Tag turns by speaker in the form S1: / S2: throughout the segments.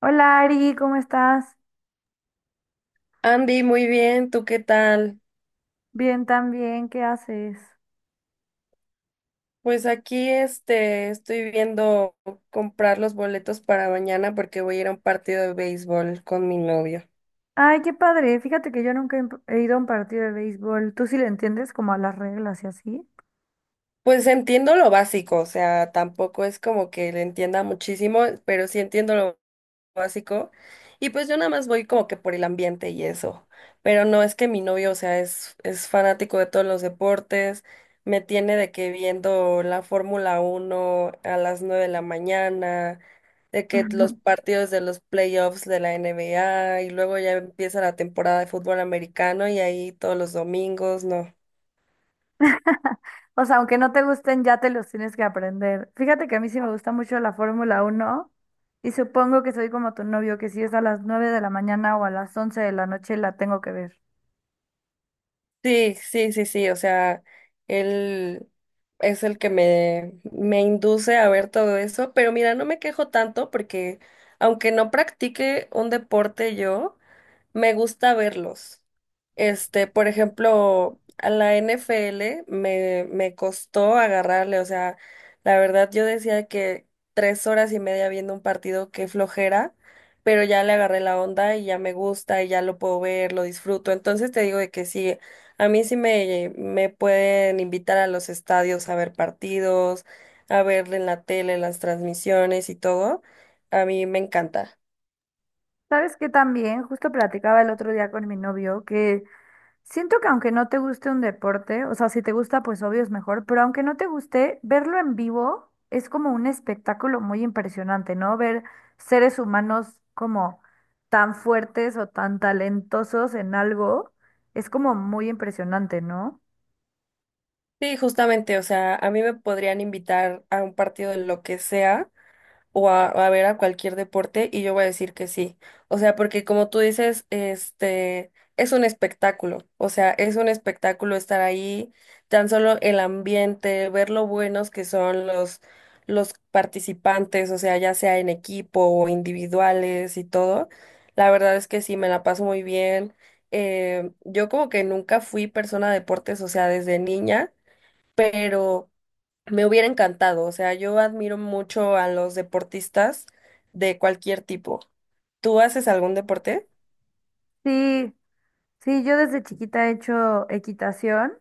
S1: Hola Ari, ¿cómo estás?
S2: Andy, muy bien, ¿tú qué tal?
S1: Bien también, ¿qué haces?
S2: Pues aquí este estoy viendo comprar los boletos para mañana porque voy a ir a un partido de béisbol con mi novio.
S1: Ay, qué padre. Fíjate que yo nunca he ido a un partido de béisbol. ¿Tú sí le entiendes como a las reglas y así?
S2: Pues entiendo lo básico, o sea, tampoco es como que le entienda muchísimo, pero sí entiendo lo básico. Y pues yo nada más voy como que por el ambiente y eso. Pero no es que mi novio, o sea, es fanático de todos los deportes. Me tiene de que viendo la Fórmula 1 a las 9 de la mañana, de que los
S1: Ujú.
S2: partidos de los playoffs de la NBA y luego ya empieza la temporada de fútbol americano y ahí todos los domingos, no.
S1: O sea, aunque no te gusten, ya te los tienes que aprender. Fíjate que a mí sí me gusta mucho la Fórmula uno. Y supongo que soy como tu novio, que si es a las 9 de la mañana o a las 11 de la noche la tengo que ver.
S2: Sí, sí, sí, sí, o sea, él es el que me induce a ver todo eso, pero mira, no me quejo tanto porque aunque no practique un deporte yo, me gusta verlos. Este, por ejemplo, a la NFL me costó agarrarle, o sea, la verdad yo decía que 3 horas y media viendo un partido, qué flojera, pero ya le agarré la onda y ya me gusta y ya lo puedo ver, lo disfruto. Entonces te digo de que sí, a mí sí me pueden invitar a los estadios a ver partidos, a ver en la tele las transmisiones y todo. A mí me encanta.
S1: ¿Sabes qué también? Justo platicaba el otro día con mi novio que siento que aunque no te guste un deporte, o sea, si te gusta, pues obvio es mejor, pero aunque no te guste, verlo en vivo es como un espectáculo muy impresionante, ¿no? Ver seres humanos como tan fuertes o tan talentosos en algo es como muy impresionante, ¿no?
S2: Sí, justamente, o sea, a mí me podrían invitar a un partido de lo que sea o a ver a cualquier deporte y yo voy a decir que sí. O sea, porque como tú dices, este es un espectáculo, o sea, es un espectáculo estar ahí, tan solo el ambiente, ver lo buenos que son los participantes, o sea, ya sea en equipo o individuales y todo. La verdad es que sí, me la paso muy bien. Yo como que nunca fui persona de deportes, o sea, desde niña pero me hubiera encantado. O sea, yo admiro mucho a los deportistas de cualquier tipo. ¿Tú haces algún deporte?
S1: Sí, sí, yo desde chiquita he hecho equitación,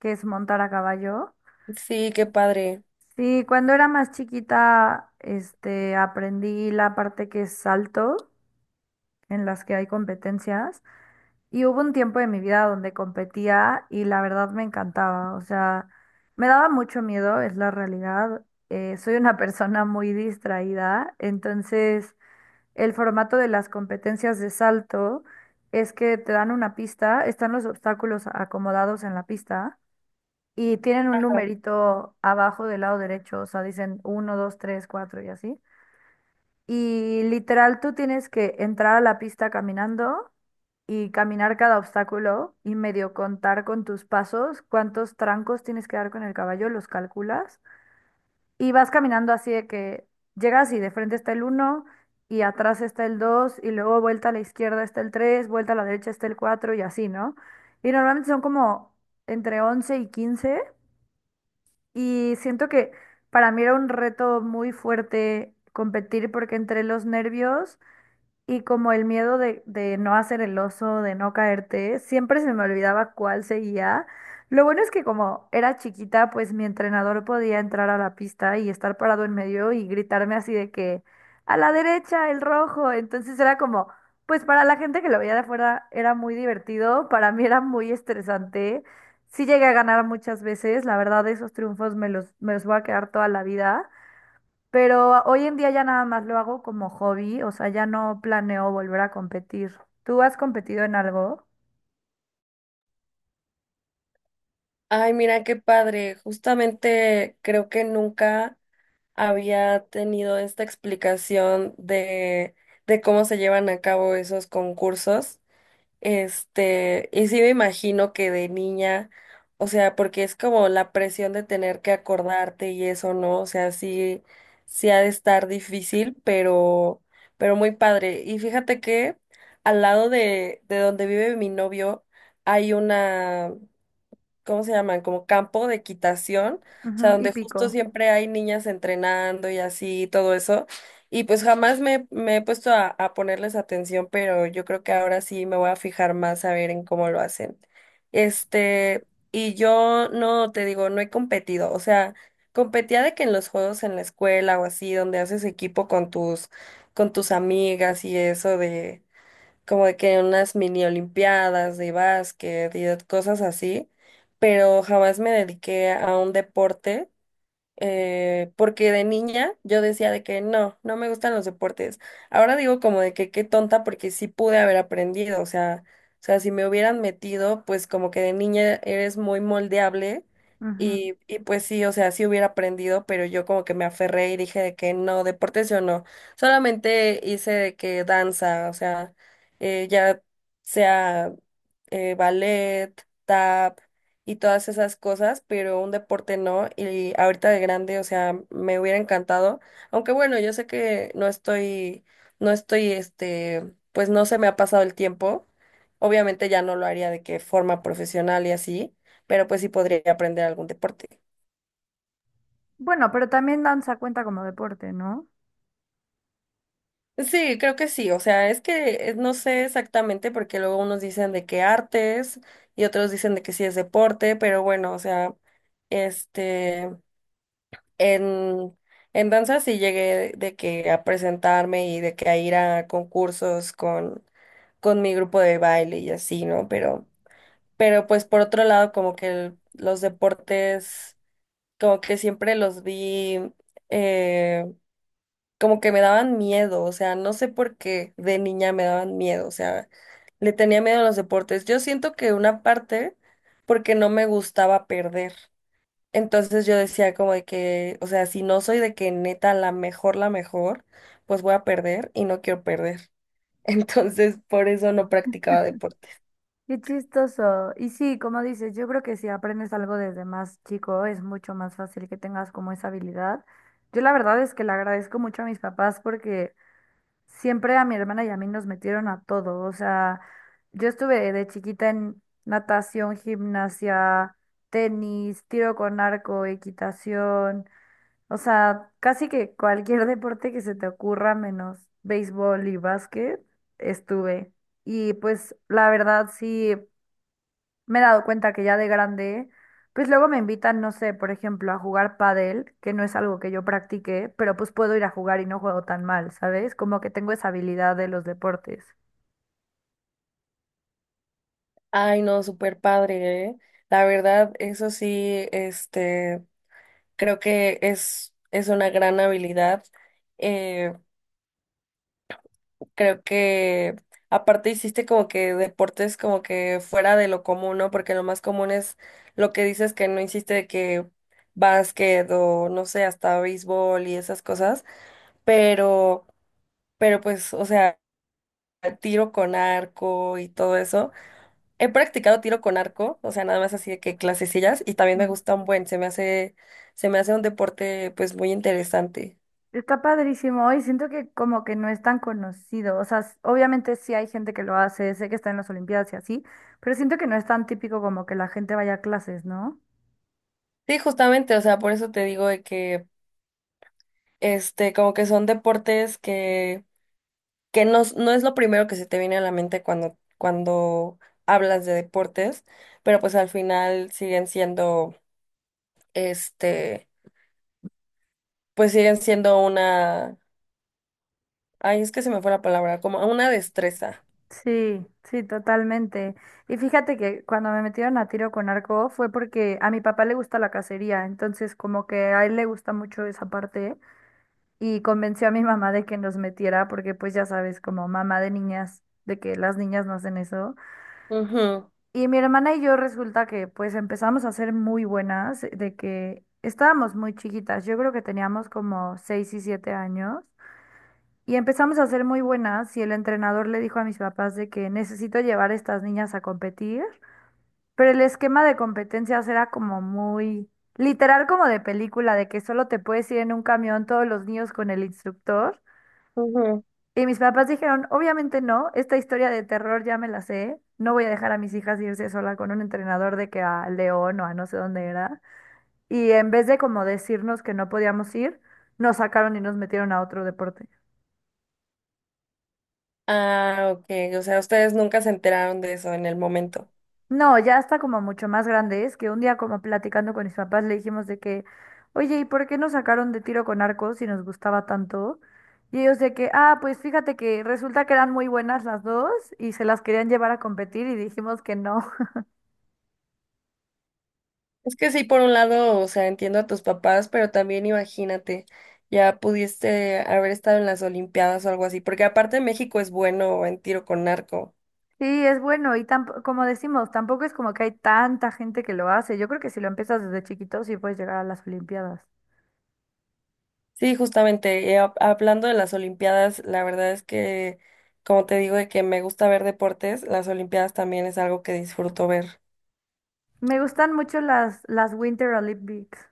S1: que es montar a caballo.
S2: Sí, qué padre.
S1: Sí, cuando era más chiquita, este, aprendí la parte que es salto, en las que hay competencias. Y hubo un tiempo de mi vida donde competía y la verdad me encantaba. O sea, me daba mucho miedo, es la realidad. Soy una persona muy distraída, entonces el formato de las competencias de salto es que te dan una pista, están los obstáculos acomodados en la pista y tienen un
S2: Claro.
S1: numerito abajo del lado derecho, o sea, dicen uno 2 3 4 y así. Y literal tú tienes que entrar a la pista caminando y caminar cada obstáculo y medio contar con tus pasos cuántos trancos tienes que dar con el caballo, los calculas y vas caminando así de que llegas y de frente está el uno y atrás está el 2 y luego vuelta a la izquierda está el 3 vuelta a la derecha está el 4 y así, ¿no? Y normalmente son como entre 11 y 15 y siento que para mí era un reto muy fuerte competir porque entre los nervios y como el miedo de no hacer el oso, de no caerte, siempre se me olvidaba cuál seguía. Lo bueno es que como era chiquita, pues mi entrenador podía entrar a la pista y estar parado en medio y gritarme así de que a la derecha, el rojo. Entonces era como, pues para la gente que lo veía de afuera era muy divertido, para mí era muy estresante. Sí llegué a ganar muchas veces, la verdad esos triunfos me los voy a quedar toda la vida. Pero hoy en día ya nada más lo hago como hobby, o sea, ya no planeo volver a competir. ¿Tú has competido en algo?
S2: Ay, mira, qué padre. Justamente creo que nunca había tenido esta explicación de cómo se llevan a cabo esos concursos. Este, y sí me imagino que de niña, o sea, porque es como la presión de tener que acordarte y eso, ¿no? O sea, sí, sí ha de estar difícil, pero muy padre. Y fíjate que al lado de donde vive mi novio hay una, ¿cómo se llaman? Como campo de equitación, o sea,
S1: Ujú, y
S2: donde justo
S1: pico.
S2: siempre hay niñas entrenando y así, todo eso. Y pues jamás me he puesto a ponerles atención, pero yo creo que ahora sí me voy a fijar más a ver en cómo lo hacen. Este, y yo no, te digo, no he competido, o sea, competía de que en los juegos en la escuela o así, donde haces equipo con tus amigas y eso como de que unas mini olimpiadas de básquet y de cosas así, pero jamás me dediqué a un deporte, porque de niña yo decía de que no, no me gustan los deportes. Ahora digo como de que qué tonta porque sí pude haber aprendido, o sea, si me hubieran metido, pues como que de niña eres muy moldeable
S1: Ujú.
S2: y pues sí, o sea, sí hubiera aprendido, pero yo como que me aferré y dije de que no, deportes yo no. Solamente hice de que danza, o sea, ya sea ballet, tap y todas esas cosas, pero un deporte no. Y ahorita de grande, o sea, me hubiera encantado. Aunque bueno, yo sé que no estoy, este, pues no se me ha pasado el tiempo. Obviamente ya no lo haría de que forma profesional y así, pero pues sí podría aprender algún deporte.
S1: Bueno, pero también danza cuenta como deporte, ¿no?
S2: Sí, creo que sí. O sea, es que no sé exactamente porque luego unos dicen de que artes y otros dicen de que sí es deporte, pero bueno, o sea, este. En, en danza sí llegué de que a presentarme y de que a ir a concursos con mi grupo de baile y así, ¿no? Pero pues por otro lado, como que los deportes, como que siempre los vi, eh, como que me daban miedo, o sea, no sé por qué de niña me daban miedo, o sea, le tenía miedo a los deportes. Yo siento que una parte porque no me gustaba perder. Entonces yo decía como de que, o sea, si no soy de que neta la mejor, pues voy a perder y no quiero perder. Entonces por eso no practicaba deporte.
S1: Qué chistoso. Y sí, como dices, yo creo que si aprendes algo desde más chico es mucho más fácil que tengas como esa habilidad. Yo la verdad es que le agradezco mucho a mis papás porque siempre a mi hermana y a mí nos metieron a todo. O sea, yo estuve de chiquita en natación, gimnasia, tenis, tiro con arco, equitación. O sea, casi que cualquier deporte que se te ocurra, menos béisbol y básquet, estuve. Y pues la verdad sí me he dado cuenta que ya de grande, pues luego me invitan, no sé, por ejemplo, a jugar pádel, que no es algo que yo practique, pero pues puedo ir a jugar y no juego tan mal, ¿sabes? Como que tengo esa habilidad de los deportes.
S2: Ay, no, súper padre, ¿eh? La verdad, eso sí, este, creo que es una gran habilidad. eh, Creo que aparte hiciste como que deportes como que fuera de lo común, ¿no? Porque lo más común es lo que dices que no hiciste de que básquet o no sé, hasta béisbol y esas cosas, pero, pero pues, o sea, tiro con arco y todo eso. He practicado tiro con arco, o sea, nada más así de que clasecillas y también me
S1: Ujú.
S2: gusta un buen, se me hace un deporte pues muy interesante.
S1: Está padrísimo y siento que como que no es tan conocido, o sea, s- obviamente sí hay gente que lo hace, sé que está en las Olimpiadas y así, pero siento que no es tan típico como que la gente vaya a clases, ¿no?
S2: Sí, justamente, o sea, por eso te digo de que este, como que son deportes que no, no es lo primero que se te viene a la mente cuando hablas de deportes, pero pues al final siguen siendo, este, pues siguen siendo una, ay, es que se me fue la palabra, como una destreza.
S1: Sí, sí, totalmente. Y fíjate que cuando me metieron a tiro con arco fue porque a mi papá le gusta la cacería, entonces como que a él le gusta mucho esa parte y convenció a mi mamá de que nos metiera porque pues ya sabes, como mamá de niñas, de que las niñas no hacen eso.
S2: Ujú,
S1: Y mi hermana y yo resulta que pues empezamos a ser muy buenas, de que estábamos muy chiquitas, yo creo que teníamos como 6 y 7 años. Y empezamos a ser muy buenas y el entrenador le dijo a mis papás de que necesito llevar a estas niñas a competir, pero el esquema de competencias era como muy literal como de película, de que solo te puedes ir en un camión todos los niños con el instructor.
S2: ujú.
S1: Y mis papás dijeron, obviamente no, esta historia de terror ya me la sé, no voy a dejar a mis hijas irse sola con un entrenador de que a León o a no sé dónde era. Y en vez de como decirnos que no podíamos ir, nos sacaron y nos metieron a otro deporte.
S2: Ah, ok, o sea, ustedes nunca se enteraron de eso en el momento.
S1: No, ya está como mucho más grande. Es que un día como platicando con mis papás le dijimos de que, oye, ¿y por qué nos sacaron de tiro con arco si nos gustaba tanto? Y ellos de que, ah, pues fíjate que resulta que eran muy buenas las dos y se las querían llevar a competir y dijimos que no.
S2: Es que sí, por un lado, o sea, entiendo a tus papás, pero también imagínate, ya pudiste haber estado en las Olimpiadas o algo así, porque aparte México es bueno en tiro con arco.
S1: Sí, es bueno y tampo- como decimos, tampoco es como que hay tanta gente que lo hace. Yo creo que si lo empiezas desde chiquito sí puedes llegar a las Olimpiadas.
S2: Sí, justamente, hablando de las Olimpiadas, la verdad es que, como te digo, de que me gusta ver deportes, las Olimpiadas también es algo que disfruto ver.
S1: Me gustan mucho las Winter Olympics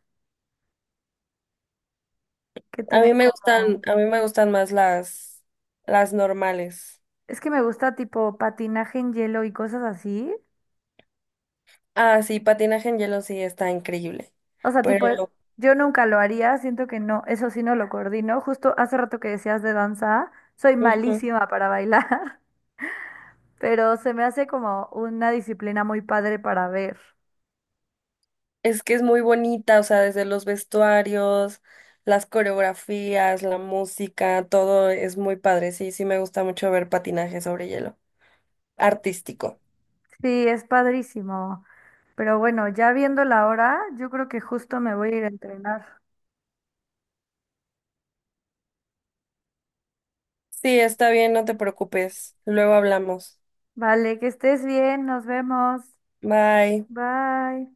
S1: que
S2: A
S1: tienen
S2: mí me gustan,
S1: como...
S2: a mí me gustan más las normales.
S1: Es que me gusta tipo patinaje en hielo y cosas así.
S2: Ah, sí, patinaje en hielo sí está increíble,
S1: O sea, tipo,
S2: pero
S1: yo nunca lo haría, siento que no, eso sí no lo coordino. Justo hace rato que decías de danza, soy
S2: ujú,
S1: malísima para bailar, pero se me hace como una disciplina muy padre para ver.
S2: es que es muy bonita, o sea, desde los vestuarios, las coreografías, la música, todo es muy padre. Sí, sí me gusta mucho ver patinaje sobre hielo, artístico.
S1: Sí, es padrísimo. Pero bueno, ya viendo la hora, yo creo que justo me voy a ir a entrenar.
S2: Sí, está bien, no te preocupes. Luego hablamos.
S1: Vale, que estés bien, nos vemos.
S2: Bye.
S1: Bye.